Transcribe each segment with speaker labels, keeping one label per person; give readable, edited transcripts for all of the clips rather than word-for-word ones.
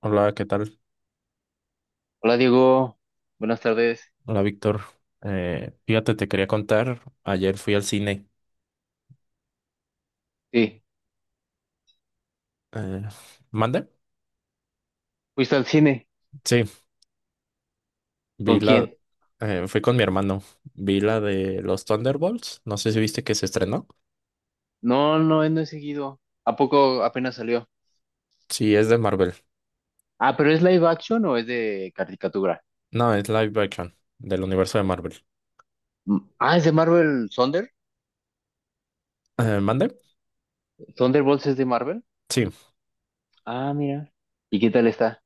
Speaker 1: Hola, ¿qué tal?
Speaker 2: Hola Diego, buenas tardes.
Speaker 1: Hola, Víctor. Fíjate, te quería contar, ayer fui al cine.
Speaker 2: Sí,
Speaker 1: Eh, ¿Mande?
Speaker 2: ¿fuiste al cine?
Speaker 1: Sí, vi
Speaker 2: ¿Con
Speaker 1: la...
Speaker 2: quién?
Speaker 1: fui con mi hermano. Vi la de los Thunderbolts. No sé si viste que se estrenó.
Speaker 2: No, no, no he seguido. ¿A poco apenas salió?
Speaker 1: Sí, es de Marvel.
Speaker 2: Ah, pero ¿es live action o es de caricatura?
Speaker 1: No, es live action, del universo de Marvel.
Speaker 2: Mm, ah, es de Marvel Thunder.
Speaker 1: ¿Mande?
Speaker 2: ¿Thunderbolts es de Marvel?
Speaker 1: Sí,
Speaker 2: Ah, mira. ¿Y qué tal está?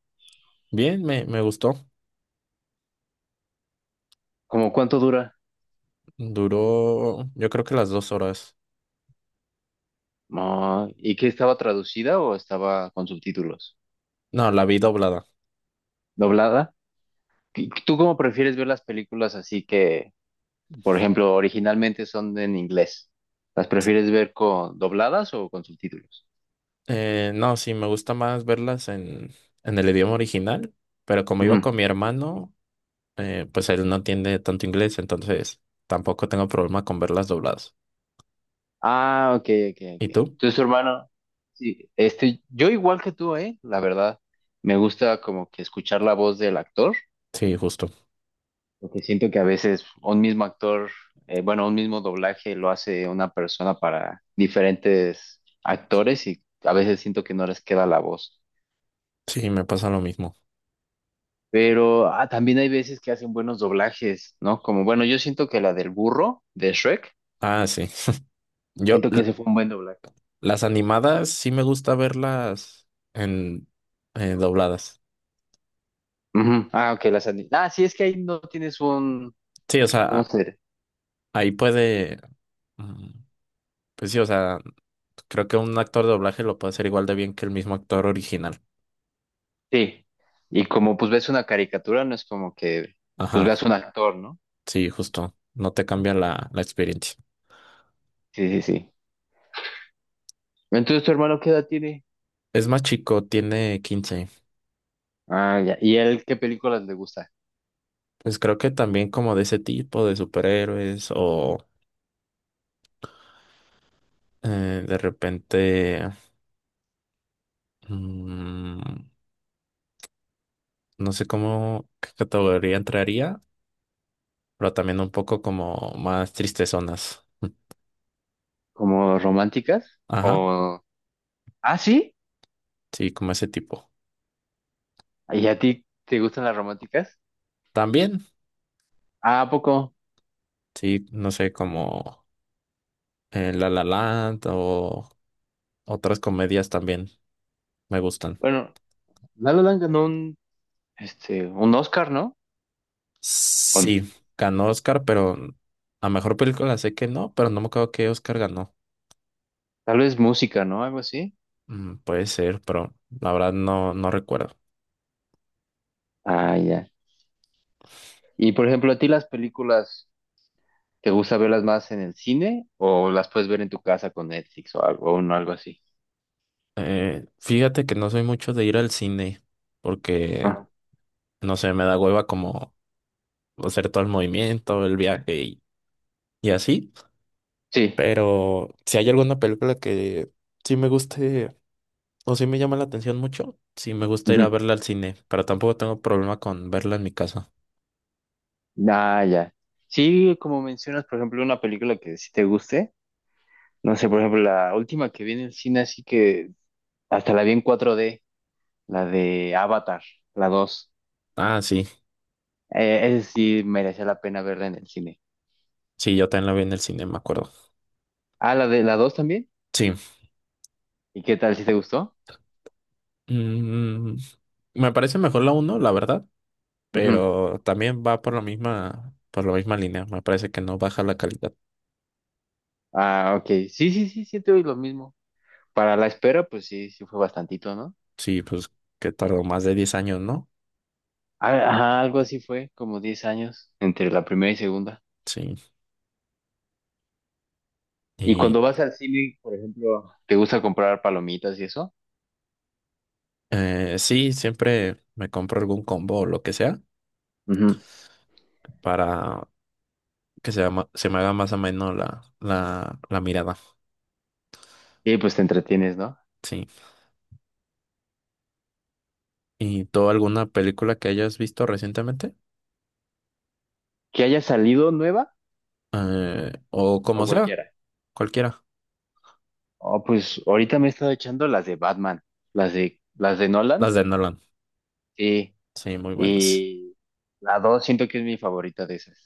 Speaker 1: bien, me gustó.
Speaker 2: ¿Cómo cuánto dura?
Speaker 1: Duró, yo creo que las 2 horas.
Speaker 2: Ah, ¿y qué estaba traducida o estaba con subtítulos?
Speaker 1: No, la vi doblada.
Speaker 2: ¿Doblada? ¿Tú cómo prefieres ver las películas así que, por ejemplo, originalmente son en inglés? ¿Las prefieres ver con dobladas o con subtítulos?
Speaker 1: No, sí, me gusta más verlas en el idioma original, pero como iba
Speaker 2: Ujú.
Speaker 1: con mi hermano... pues él no entiende tanto inglés, entonces tampoco tengo problema con verlas dobladas.
Speaker 2: Ah, ok, ok, ok.
Speaker 1: ¿Y tú?
Speaker 2: Entonces, su hermano, sí, yo igual que tú, ¿eh? La verdad, me gusta como que escuchar la voz del actor,
Speaker 1: Sí, justo.
Speaker 2: porque siento que a veces un mismo actor, bueno, un mismo doblaje lo hace una persona para diferentes actores y a veces siento que no les queda la voz.
Speaker 1: Sí, me pasa lo mismo.
Speaker 2: Pero ah, también hay veces que hacen buenos doblajes, ¿no? Como, bueno, yo siento que la del burro de Shrek,
Speaker 1: Ah, sí. Yo,
Speaker 2: siento que
Speaker 1: l-
Speaker 2: ese fue un buen doblaje.
Speaker 1: las animadas sí me gusta verlas en dobladas.
Speaker 2: Ujú. Ah, ok, ah, sí, es que ahí no tienes un,
Speaker 1: Sí, o
Speaker 2: ¿cómo
Speaker 1: sea,
Speaker 2: se dice?
Speaker 1: ahí puede, mm, pues sí, o sea, creo que un actor de doblaje lo puede hacer igual de bien que el mismo actor original.
Speaker 2: Sí, y como pues ves una caricatura, no es como que pues
Speaker 1: Ajá,
Speaker 2: veas un actor, ¿no?
Speaker 1: sí, justo. No te cambia la experiencia.
Speaker 2: Sí, sí, sí. Entonces, ¿tu hermano qué edad tiene?
Speaker 1: Es más chico, tiene 15.
Speaker 2: Ah, ya. ¿Y él qué películas le gusta?
Speaker 1: Pues creo que también como de ese tipo de superhéroes o de repente, mm, no sé qué categoría entraría, pero también un poco como más tristezonas.
Speaker 2: ¿Como románticas?
Speaker 1: Ajá,
Speaker 2: ¿O... ah, sí.
Speaker 1: sí, como ese tipo.
Speaker 2: ¿Y a ti te gustan las románticas?
Speaker 1: También,
Speaker 2: Ah, ¿a poco?
Speaker 1: sí, no sé, como La La Land o otras comedias también me gustan.
Speaker 2: Bueno, La La Land ganó un Oscar, ¿no? Con
Speaker 1: Sí, ganó Oscar, pero a mejor película sé que no, pero no me acuerdo qué Oscar ganó.
Speaker 2: tal vez música, ¿no? Algo así.
Speaker 1: Mm, puede ser, pero la verdad no recuerdo.
Speaker 2: Ah, ya. Y por ejemplo, ¿a ti las películas te gusta verlas más en el cine o las puedes ver en tu casa con Netflix o algo, o no, algo así?
Speaker 1: Fíjate que no soy mucho de ir al cine porque, no sé, me da hueva como hacer todo el movimiento, el viaje y así.
Speaker 2: Sí.
Speaker 1: Pero si hay alguna película que sí me guste o sí me llama la atención mucho, sí me gusta ir a
Speaker 2: Ujú.
Speaker 1: verla al cine, pero tampoco tengo problema con verla en mi casa.
Speaker 2: Ah, ya. Sí, como mencionas, por ejemplo, una película que sí te guste. No sé, por ejemplo, la última que vi en el cine, así que hasta la vi en cuatro d la de Avatar, la dos.
Speaker 1: Ah, sí,
Speaker 2: Esa sí merecía la pena verla en el cine.
Speaker 1: sí, yo también la vi en el cine, me acuerdo.
Speaker 2: Ah, la de la 2 también.
Speaker 1: Sí.
Speaker 2: ¿Y qué tal? ¿Sí te gustó?
Speaker 1: Mm, me parece mejor la uno, la verdad,
Speaker 2: Ujú.
Speaker 1: pero también va por la misma línea. Me parece que no baja la calidad.
Speaker 2: Ah, ok. Sí, sí, sí, siento lo mismo. Para la espera, pues sí, sí fue bastantito, ¿no?
Speaker 1: Sí, pues que tardó más de 10 años, ¿no?
Speaker 2: Ah, ajá, algo así fue, como 10 años entre la primera y segunda.
Speaker 1: Sí.
Speaker 2: Y cuando
Speaker 1: Y
Speaker 2: vas al cine, por ejemplo, te gusta comprar palomitas y eso.
Speaker 1: sí, siempre me compro algún combo o lo que sea
Speaker 2: Ujú.
Speaker 1: para que se me haga más o menos la mirada.
Speaker 2: Y pues te entretienes, ¿no?
Speaker 1: Sí. ¿Y tú alguna película que hayas visto recientemente?
Speaker 2: Que haya salido nueva
Speaker 1: O
Speaker 2: o
Speaker 1: como sea,
Speaker 2: cualquiera.
Speaker 1: cualquiera.
Speaker 2: Oh, pues ahorita me he estado echando las de Batman, las de Nolan.
Speaker 1: Las de Nolan.
Speaker 2: Sí.
Speaker 1: Sí, muy buenas.
Speaker 2: Y la dos siento que es mi favorita de esas,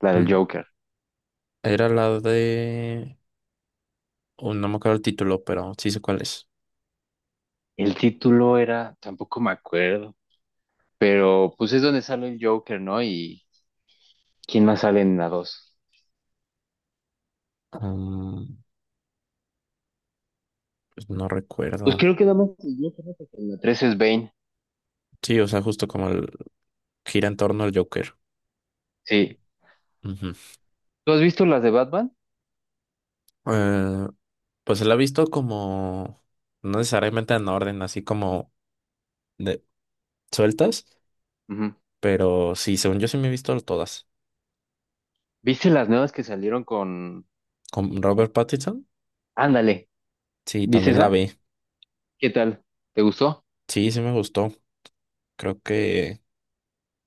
Speaker 2: la del
Speaker 1: Mm,
Speaker 2: Joker.
Speaker 1: era la de... oh, no me acuerdo el título, pero sí sé cuál es.
Speaker 2: El título era, tampoco me acuerdo, pero pues es donde sale el Joker, ¿no? Y ¿quién más sale en la dos?
Speaker 1: Um, pues no
Speaker 2: Pues
Speaker 1: recuerdo.
Speaker 2: creo que nada más el Joker, ¿no? Porque en la tres es Bane.
Speaker 1: Sí, o sea, gira en torno al Joker.
Speaker 2: Sí.
Speaker 1: Ujú.
Speaker 2: ¿Tú has visto las de Batman?
Speaker 1: Eh, pues se la ha visto como, no necesariamente en orden, así como de sueltas,
Speaker 2: Ujú.
Speaker 1: pero sí, según yo sí me he visto todas.
Speaker 2: ¿Viste las nuevas que salieron con...
Speaker 1: Con Robert Pattinson,
Speaker 2: ándale,
Speaker 1: sí,
Speaker 2: ¿viste
Speaker 1: también la
Speaker 2: esa?
Speaker 1: vi.
Speaker 2: ¿Qué tal? ¿Te gustó?
Speaker 1: Sí, sí me gustó. Creo que,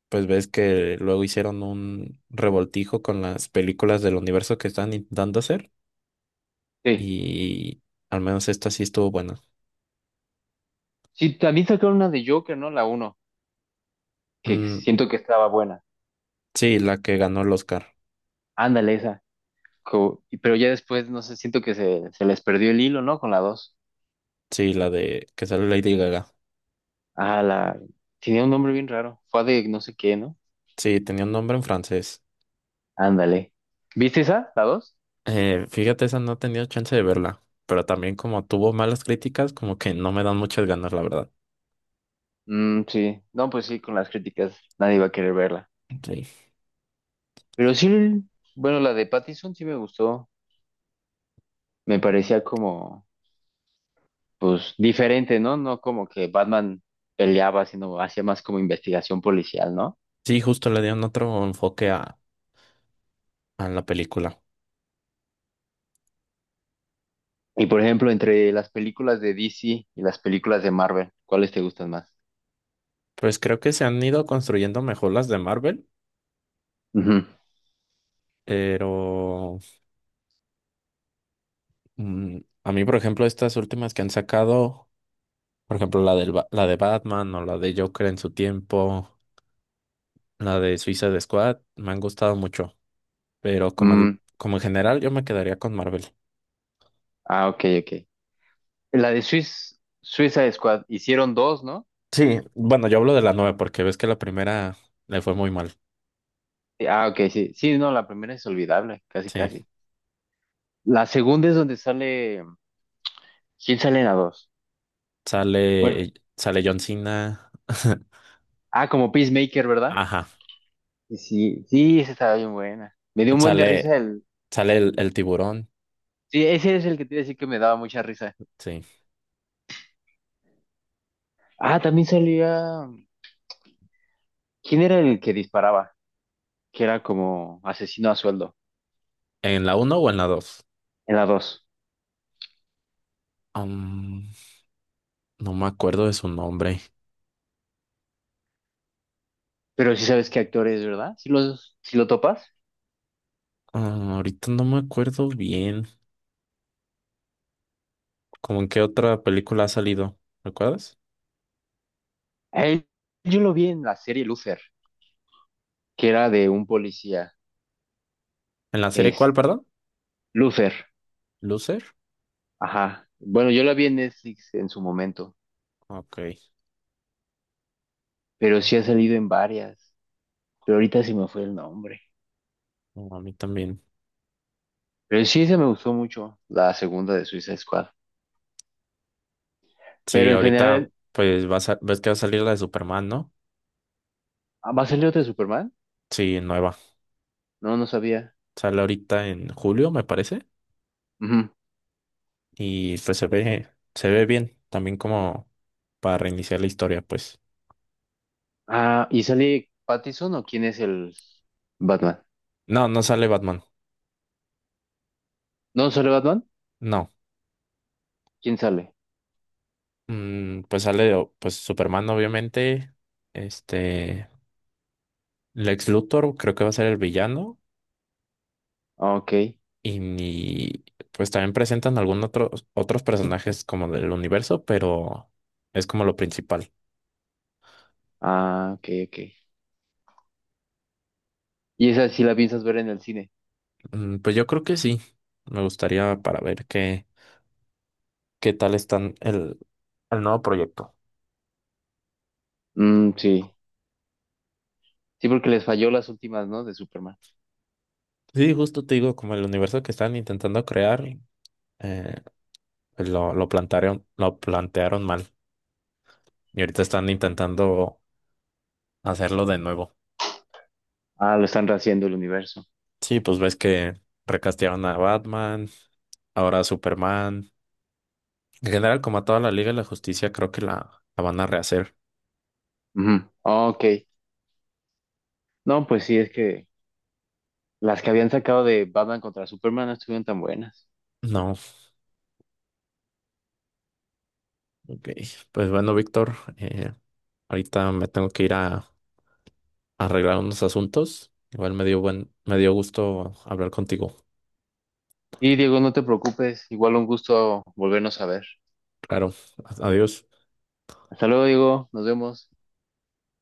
Speaker 1: pues ves que luego hicieron un revoltijo con las películas del universo que están intentando hacer,
Speaker 2: Sí.
Speaker 1: y al menos esta sí estuvo buena.
Speaker 2: Sí, también sacaron una de Joker, ¿no? La uno, que
Speaker 1: Mm,
Speaker 2: siento que estaba buena.
Speaker 1: sí, la que ganó el Oscar.
Speaker 2: Ándale, esa. Pero ya después, no sé, siento que se les perdió el hilo, ¿no? Con la dos.
Speaker 1: Sí, la de que sale Lady Gaga.
Speaker 2: Ah, la... tenía un nombre bien raro. Fue de no sé qué, ¿no?
Speaker 1: Sí, tenía un nombre en francés.
Speaker 2: Ándale. ¿Viste esa? ¿La dos?
Speaker 1: Fíjate, esa no he tenido chance de verla, pero también como tuvo malas críticas, como que no me dan muchas ganas, la verdad.
Speaker 2: Mm, sí. No, pues sí, con las críticas nadie va a querer verla.
Speaker 1: Sí,
Speaker 2: Pero sí, bueno, la de Pattinson sí me gustó. Me parecía como... pues diferente, ¿no? No como que Batman peleaba, sino hacía más como investigación policial, ¿no?
Speaker 1: sí, justo le dieron otro enfoque a la película.
Speaker 2: Y por ejemplo, entre las películas de DC y las películas de Marvel, ¿cuáles te gustan más?
Speaker 1: Pues creo que se han ido construyendo mejor las de Marvel,
Speaker 2: Ujú.
Speaker 1: pero a mí, por ejemplo, estas últimas que han sacado, por ejemplo, la de Batman o la de Joker en su tiempo, la de Suicide Squad, me han gustado mucho. Pero como,
Speaker 2: Mm,
Speaker 1: como en general, yo me quedaría con Marvel.
Speaker 2: ah, ok, ok. La de Suicide Squad, hicieron dos, ¿no?
Speaker 1: Sí, bueno, yo hablo de la nueva porque ves que la primera le fue muy mal.
Speaker 2: Sí, ah, ok, sí. Sí, no, la primera es olvidable, casi,
Speaker 1: Sí.
Speaker 2: casi. La segunda es donde sale... ¿Quién sale en la dos? Bueno,
Speaker 1: Sale John Cena.
Speaker 2: ah, como Peacemaker, ¿verdad?
Speaker 1: Ajá.
Speaker 2: Sí, sí, sí, esa estaba bien buena. Me dio un buen de
Speaker 1: Sale,
Speaker 2: risa.
Speaker 1: Sale el tiburón.
Speaker 2: Sí, ese es el que te iba a decir que me daba mucha risa.
Speaker 1: Sí.
Speaker 2: Ah, también salía. ¿Quién era el que disparaba? Que era como asesino a sueldo
Speaker 1: ¿En la uno o en la 2?
Speaker 2: en la dos.
Speaker 1: No me acuerdo de su nombre.
Speaker 2: Pero sí sabes qué actor es, ¿verdad? Si lo topas.
Speaker 1: Ah, ahorita no me acuerdo bien. ¿Cómo en qué otra película ha salido? ¿Recuerdas?
Speaker 2: A él, yo lo vi en la serie Luther, que era de un policía.
Speaker 1: ¿En la serie
Speaker 2: Es
Speaker 1: cuál, perdón?
Speaker 2: Luther.
Speaker 1: ¿Loser?
Speaker 2: Ajá. Bueno, yo la vi en Netflix en su momento,
Speaker 1: Ok.
Speaker 2: pero sí ha salido en varias. Pero ahorita se me fue el nombre.
Speaker 1: No, a mí también.
Speaker 2: Pero sí, se me gustó mucho la segunda de Suicide Squad.
Speaker 1: Sí,
Speaker 2: Pero en
Speaker 1: ahorita
Speaker 2: general,
Speaker 1: pues ves que va a salir la de Superman, ¿no?
Speaker 2: ¿va a salir otra de Superman?
Speaker 1: Sí, nueva.
Speaker 2: No, no sabía.
Speaker 1: Sale ahorita en julio, me parece.
Speaker 2: Ujú.
Speaker 1: Y pues se ve bien. También como para reiniciar la historia, pues.
Speaker 2: Ah, ¿y sale Pattinson o quién es el Batman?
Speaker 1: No, no sale Batman.
Speaker 2: ¿No sale Batman?
Speaker 1: No.
Speaker 2: ¿Quién sale?
Speaker 1: Mm, pues Superman, obviamente. Este. Lex Luthor creo que va a ser el villano.
Speaker 2: Ah, ok.
Speaker 1: Y, ni- pues también presentan algunos otros personajes como del universo, pero es como lo principal.
Speaker 2: Ah, ok, ok. ¿Y esa sí la piensas ver en el cine?
Speaker 1: Mm, pues yo creo que sí. Me gustaría para ver qué tal están el nuevo proyecto.
Speaker 2: Mm, sí. Sí, porque les falló las últimas, ¿no? De Superman.
Speaker 1: Sí, justo te digo, como el universo que están intentando crear, eh, pues lo plantearon mal. Y ahorita están intentando hacerlo de nuevo.
Speaker 2: Ah, lo están rehaciendo el universo.
Speaker 1: Sí, pues ves que recastearon a Batman, ahora a Superman. En general, como a toda la Liga de la Justicia, creo que la van a rehacer.
Speaker 2: Ujú. Ah, ok. No, pues sí, es que las que habían sacado de Batman contra Superman no estuvieron tan buenas.
Speaker 1: No, ok. Pues bueno, Víctor, ahorita me tengo que ir a arreglar unos asuntos. Igual me dio me dio gusto hablar contigo.
Speaker 2: Y Diego, no te preocupes, igual un gusto volvernos a ver.
Speaker 1: Claro, adiós.
Speaker 2: Hasta luego, Diego, nos vemos.